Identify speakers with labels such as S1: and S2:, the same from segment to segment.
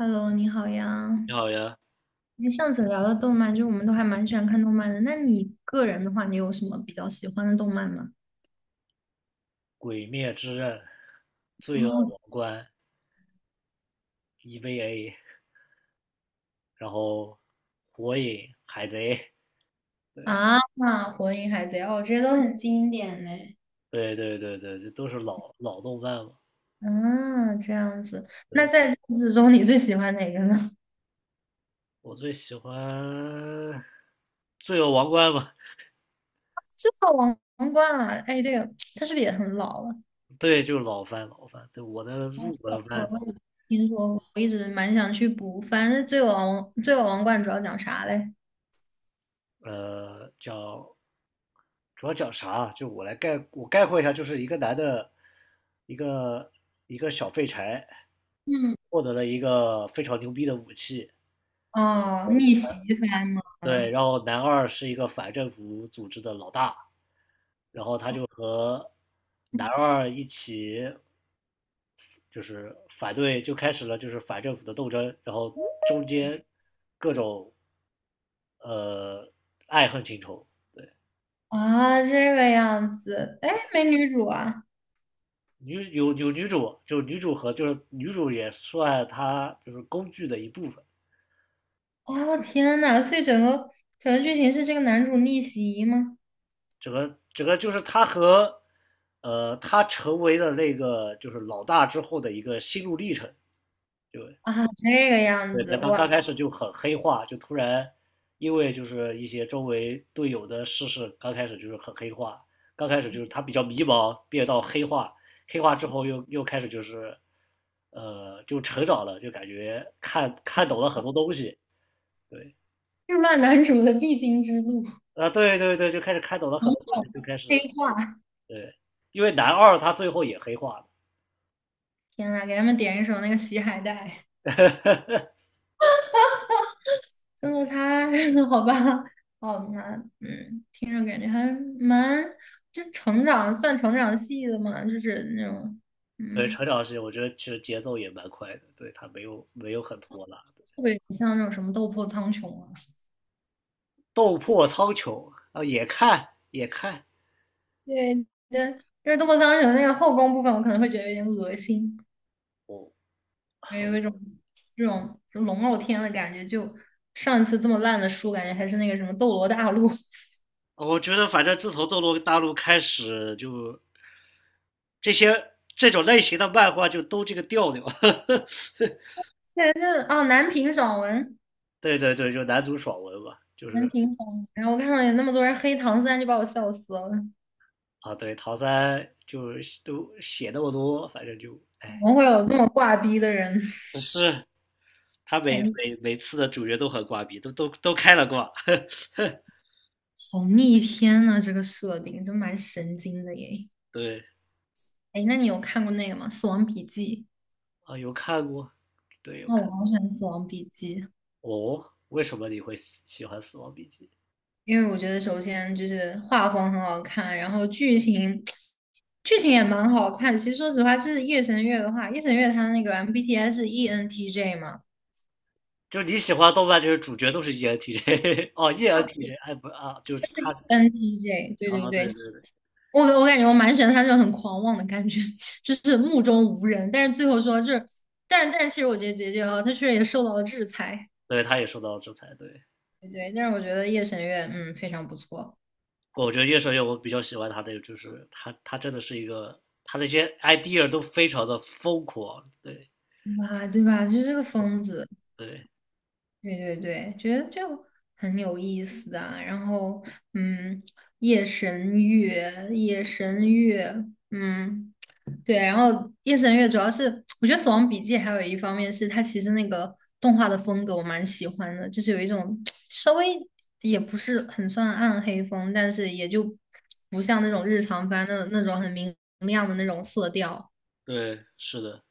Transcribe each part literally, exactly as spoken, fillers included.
S1: Hello，你好呀。
S2: 你好呀，
S1: 你上次聊的动漫，就是我们都还蛮喜欢看动漫的。那你个人的话，你有什么比较喜欢的动漫吗？
S2: 《鬼灭之刃》、《罪恶
S1: 哦。
S2: 王冠》、E V A，然后《火影》、《海贼》，
S1: 啊，那《火影》《海贼》哦，这些都很经典嘞。
S2: 对对对对，这都是老老动漫嘛。
S1: 啊，这样子。那
S2: 对，
S1: 在这之中，你最喜欢哪个呢？
S2: 我最喜欢《罪恶王冠》嘛。
S1: 这个王王冠啊。哎，这个它是不是也很老了？
S2: 对，就是老番老番。对，我的
S1: 哦，
S2: 入
S1: 这个
S2: 门
S1: 我
S2: 番。
S1: 我有听说过，我一直蛮想去补。反正《罪恶王》《罪恶王冠》主要讲啥嘞？
S2: 呃，叫主要讲啥啊？就我来概我概括一下，就是一个男的，一个一个小废柴，
S1: 嗯。
S2: 获得了一个非常牛逼的武器。
S1: 哦，逆袭番吗？
S2: 对，然后男二是一个反政府组织的老大，然后他就和男二一起就是反对，就开始了就是反政府的斗争，然后中间各种呃爱恨情仇。对，
S1: 啊，这个样子，哎，没女主啊！
S2: 女有有女主，就是女主和就是女主也算她就是工具的一部分。
S1: 哦，天呐，所以整个整个剧情是这个男主逆袭吗？
S2: 整个整个就是她和呃她成为了那个就是老大之后的一个心路历程。就
S1: 啊，这个样
S2: 对，
S1: 子，
S2: 在刚
S1: 哇，
S2: 刚开始就很黑化，就突然因为就是一些周围队友的逝事，刚开始就是很黑化，刚开始就是他比较迷茫，变到黑化，黑化之后又又开始就是，呃，就成长了，就感觉看看懂了很多东西。对。
S1: 日漫男主的必经之路。
S2: 啊，对对对，就开始看懂了
S1: 嗯，
S2: 很多东西，就开始
S1: 黑化！
S2: 对，因为男二他最后也黑化了。
S1: 天呐，给他们点一首那个《洗海带》，真的太 好吧？好难。那嗯，听着感觉还蛮，就成长算成长系的嘛，就是那种。
S2: 对，
S1: 嗯，
S2: 成长是我觉得其实节奏也蛮快的，对他没有没有很拖拉。
S1: 特别像那种什么《斗破苍穹》啊。
S2: 斗破苍穹啊，也看也看。
S1: 对，对，就是斗破苍穹》那个后宫部分，我可能会觉得有点恶心，
S2: 哦，
S1: 也有一种这种就龙傲天的感觉。就上一次这么烂的书，感觉还是那个什么《斗罗大陆》。
S2: 我觉得反正自从《斗罗大陆》开始就这些这种类型的漫画就都这个调调。
S1: 对，就是哦，南屏爽文，
S2: 对对对，就男主爽文嘛，就
S1: 南
S2: 是
S1: 屏爽文。然后我看到有那么多人黑唐三，就把我笑死了。
S2: 啊，对唐三就是都写那么多，反正就
S1: 怎
S2: 哎，
S1: 么会有这么挂逼的人？
S2: 是他
S1: 太
S2: 每
S1: 逆
S2: 每每次的主角都很挂逼，都都都开了挂。
S1: 好逆天呐、这个设定真蛮神经的耶。
S2: 对
S1: 哎，那你有看过那个吗？《死亡笔记》。
S2: 啊，有看过，对有
S1: 哦，
S2: 看。
S1: 我好喜欢《死亡笔记》。
S2: 哦，为什么你会喜欢《死亡笔记》？
S1: 因为我觉得首先就是画风很好看，然后剧情剧情也蛮好看。其实说实话，就是夜神月的话，夜神月它那个 M B T I 是 E N T J 嘛，
S2: 就是你喜欢动漫，就是主角都是 E N T J。 哦，E N T J 哎不啊，就是
S1: 就是
S2: 他
S1: E N T J，对对
S2: 啊，对
S1: 对。
S2: 对对，
S1: 我我感觉我蛮喜欢他这种很狂妄的感觉，就是目中无人，但是最后说就是，但是但是其实我觉得结局哈，他确实也受到了制裁。
S2: 对他也受到了制裁。对，
S1: 对对，但是我觉得夜神月嗯非常不错。
S2: 我觉得夜神月我比较喜欢他的，就是他他真的是一个，他那些 idea 都非常的疯狂。对
S1: 对吧？对吧？就是这个疯子。
S2: 对
S1: 对对对，觉得就很有意思的啊。然后，嗯，夜神月，夜神月。嗯，对。然后夜神月主要是，我觉得《死亡笔记》还有一方面是它其实那个动画的风格我蛮喜欢的，就是有一种稍微也不是很算暗黑风，但是也就不像那种日常番的那种很明亮的那种色调，
S2: 对，是的，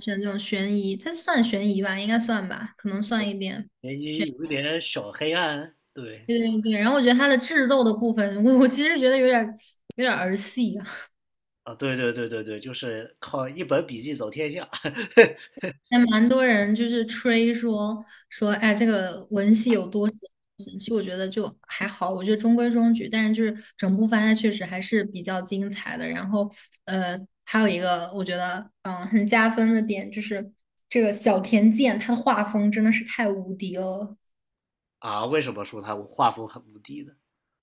S1: 选这种悬疑，它算悬疑吧，应该算吧，可能算一点。
S2: 也谊
S1: 悬。
S2: 有一点小黑暗。对
S1: 对对对，然后我觉得他的智斗的部分，我我其实觉得有点有点儿儿戏啊。
S2: 啊，对对对对对，就是靠一本笔记走天下。
S1: 还蛮多人就是吹说说，哎，这个文戏有多神神其实我觉得就还好，我觉得中规中矩，但是就是整部番它确实还是比较精彩的。然后呃，还有一个我觉得嗯很加分的点就是这个小田健他的画风真的是太无敌了。
S2: 啊。为什么说他画风很无敌呢？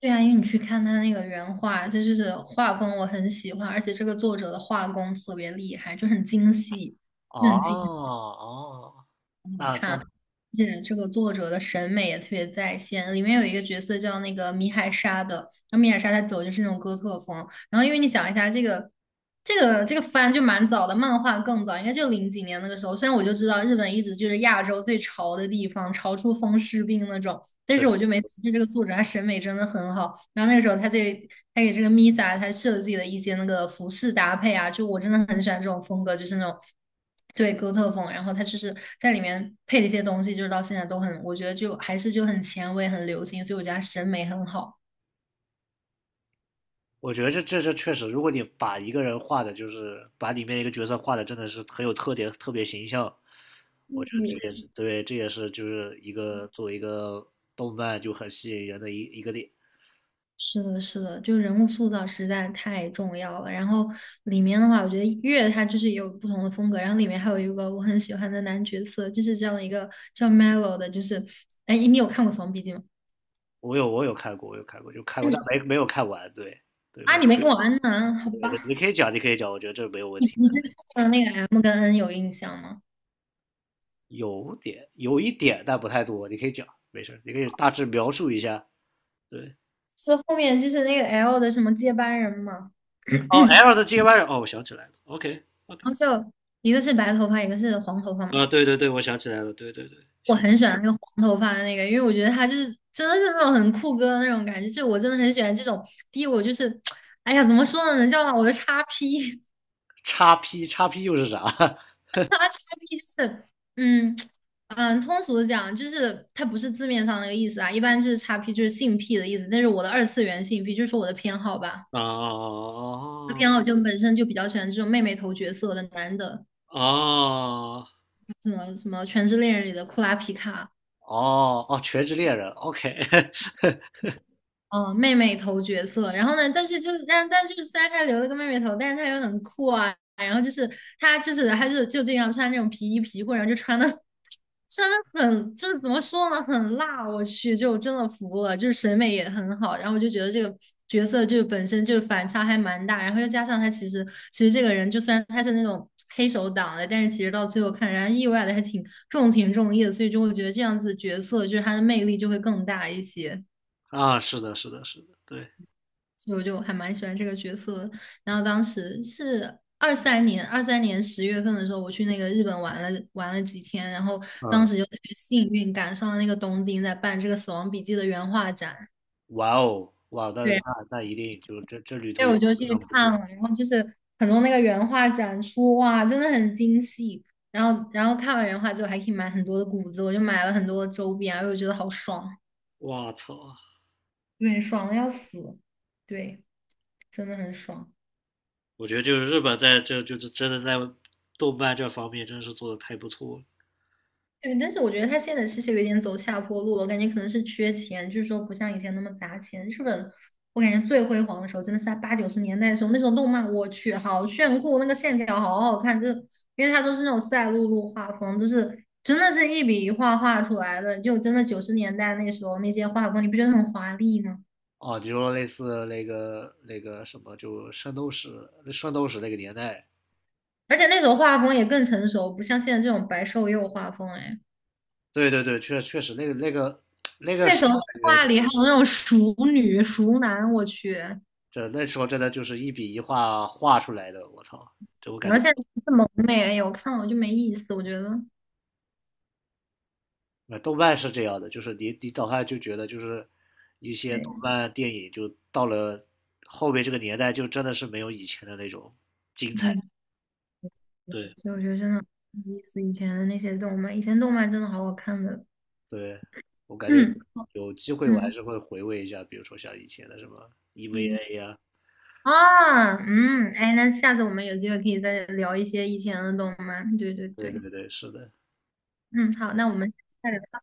S1: 对啊，因为你去看他那个原画，他就是画风我很喜欢，而且这个作者的画工特别厉害，就很精细，
S2: 哦
S1: 就很精细。
S2: 哦，那那
S1: 而且这个作者的审美也特别在线。里面有一个角色叫那个米海沙的，然后米海沙他走的就是那种哥特风。然后因为你想一下，这个这个这个番就蛮早的，漫画更早，应该就零几年那个时候。虽然我就知道日本一直就是亚洲最潮的地方，潮出风湿病那种。但是
S2: 对
S1: 我就没就这个作者他审美真的很好。然后那个时候他在他给这个 Misa 他设计的一些那个服饰搭配啊，就我真的很喜欢这种风格，就是那种对哥特风。然后他就是在里面配了一些东西，就是到现在都很，我觉得就还是就很前卫、很流行，所以我觉得他审美很好。
S2: 我觉得这这这确实，如果你把一个人画的，就是把里面一个角色画的，真的是很有特点，特别形象，我觉得这也是对，这也是就是一个作为一个动漫就很吸引人的一一个点。
S1: 是的，是的，就人物塑造实在太重要了。然后里面的话，我觉得月它就是有不同的风格，然后里面还有一个我很喜欢的男角色，就是这样一个叫 Melo 的，就是，哎，你有看过《死亡笔记》吗？
S2: 我有我有看过，我有看过，就看过，但
S1: 你
S2: 没没有看完。对对，
S1: 啊，
S2: 没有
S1: 你没跟我安呢？好
S2: 对
S1: 吧，
S2: 对，你可以讲，你可以讲，我觉得这没有问
S1: 你
S2: 题
S1: 你
S2: 的
S1: 对后面的那个 M 跟 N 有印象吗？
S2: 有点有一点，但不太多，你可以讲，没事儿，你可以大致描述一下。对，
S1: 是后面就是那个 L 的什么接班人嘛，
S2: 哦，L 的
S1: 然
S2: G Y,哦，我想起来了，OK OK,
S1: 后就一个是白头发，一个是黄头发嘛。
S2: 啊，对对对，我想起来了，对对对，
S1: 我
S2: 想。
S1: 很喜欢那个黄头发的那个，因为我觉得他就是真的是那种很酷哥的那种感觉，就是我真的很喜欢这种。第一，我就是，哎呀，怎么说呢，能叫上我的叉 P。
S2: 叉 P 叉 P 又是啥？
S1: 他叉 P 就是，嗯嗯，通俗的讲，就是它不是字面上那个意思啊，一般就是叉 P 就是性癖的意思，但是我的二次元性癖就是说我的偏好吧，我的
S2: 哦
S1: 偏好就本身就比较喜欢这种妹妹头角色的男的，
S2: 哦哦
S1: 什么什么《全职猎人》里的库拉皮卡，
S2: 哦，哦！全职猎人，OK。
S1: 嗯，妹妹头角色，然后呢，但是就是但但就是虽然他留了个妹妹头，但是他又很酷啊，然后就是他就是他就就经常穿那种皮衣皮裤，然后就穿的。真的很，就是怎么说呢，很辣，我去，就真的服了，就是审美也很好，然后我就觉得这个角色就本身就反差还蛮大，然后又加上他其实其实这个人就虽然他是那种黑手党的，但是其实到最后看人家意外的还挺重情重义的，所以就会觉得这样子角色就是他的魅力就会更大一些。
S2: 啊，是的，是的，是的，对。
S1: 所以我就还蛮喜欢这个角色的。然后当时是二三年，二三年十月份的时候，我去那个日本玩了玩了几天，然后当
S2: 嗯，
S1: 时就特别幸运赶上了那个东京在办这个《死亡笔记》的原画展。
S2: 哇哦，哇，那
S1: 对，
S2: 那那一定就这这旅
S1: 所
S2: 途
S1: 以
S2: 一
S1: 我
S2: 定
S1: 就去
S2: 非常不错，
S1: 看了，然后就是很多那个原画展出，哇，真的很精细。然后，然后看完原画之后，还可以买很多的谷子，我就买了很多的周边，然后我觉得好爽。
S2: 哇操！
S1: 对，爽的要死。对，真的很爽。
S2: 我觉得就是日本在这就是真的在动漫这方面真是做的太不错了。
S1: 对，但是我觉得他现在其实有点走下坡路了，我感觉可能是缺钱，就是说不像以前那么砸钱。日本，我感觉最辉煌的时候真的是在八九十年代的时候。那时候动漫我去好炫酷，那个线条好好看，就因为它都是那种赛璐璐画风，就是真的是一笔一画画出来的。就真的九十年代那时候那些画风，你不觉得很华丽吗？
S2: 哦，你说类似那个那个什么，就圣斗士，圣斗士那个年代，
S1: 而且那时候画风也更成熟，不像现在这种白瘦幼画风。哎，
S2: 对对对，确确实那个那个那个
S1: 那
S2: 时
S1: 时候
S2: 候
S1: 动
S2: 感
S1: 画
S2: 觉
S1: 里还有那种熟女、熟男，我去。
S2: 这那时候真的就是一笔一画画出来的，我操！这我感
S1: 然
S2: 觉，
S1: 后现在这么美，哎呀，我看了我就没意思，我觉得。
S2: 呃，动漫是这样的，就是你你早上就觉得就是一些动
S1: 对，
S2: 漫电影，就到了后面这个年代，就真的是没有以前的那种精彩。
S1: 对，
S2: 对，
S1: 所以我觉得真的没意思。以前的那些动漫，以前动漫真的好好看的。
S2: 对，我感觉
S1: 嗯
S2: 有机会我还
S1: 嗯
S2: 是会回味一下，比如说像以前的什么
S1: 嗯，
S2: E V A 呀、
S1: 啊，嗯，哎，那下次我们有机会可以再聊一些以前的动漫。对对
S2: 对
S1: 对。
S2: 对对，是的。
S1: 嗯，好，那我们下次再聊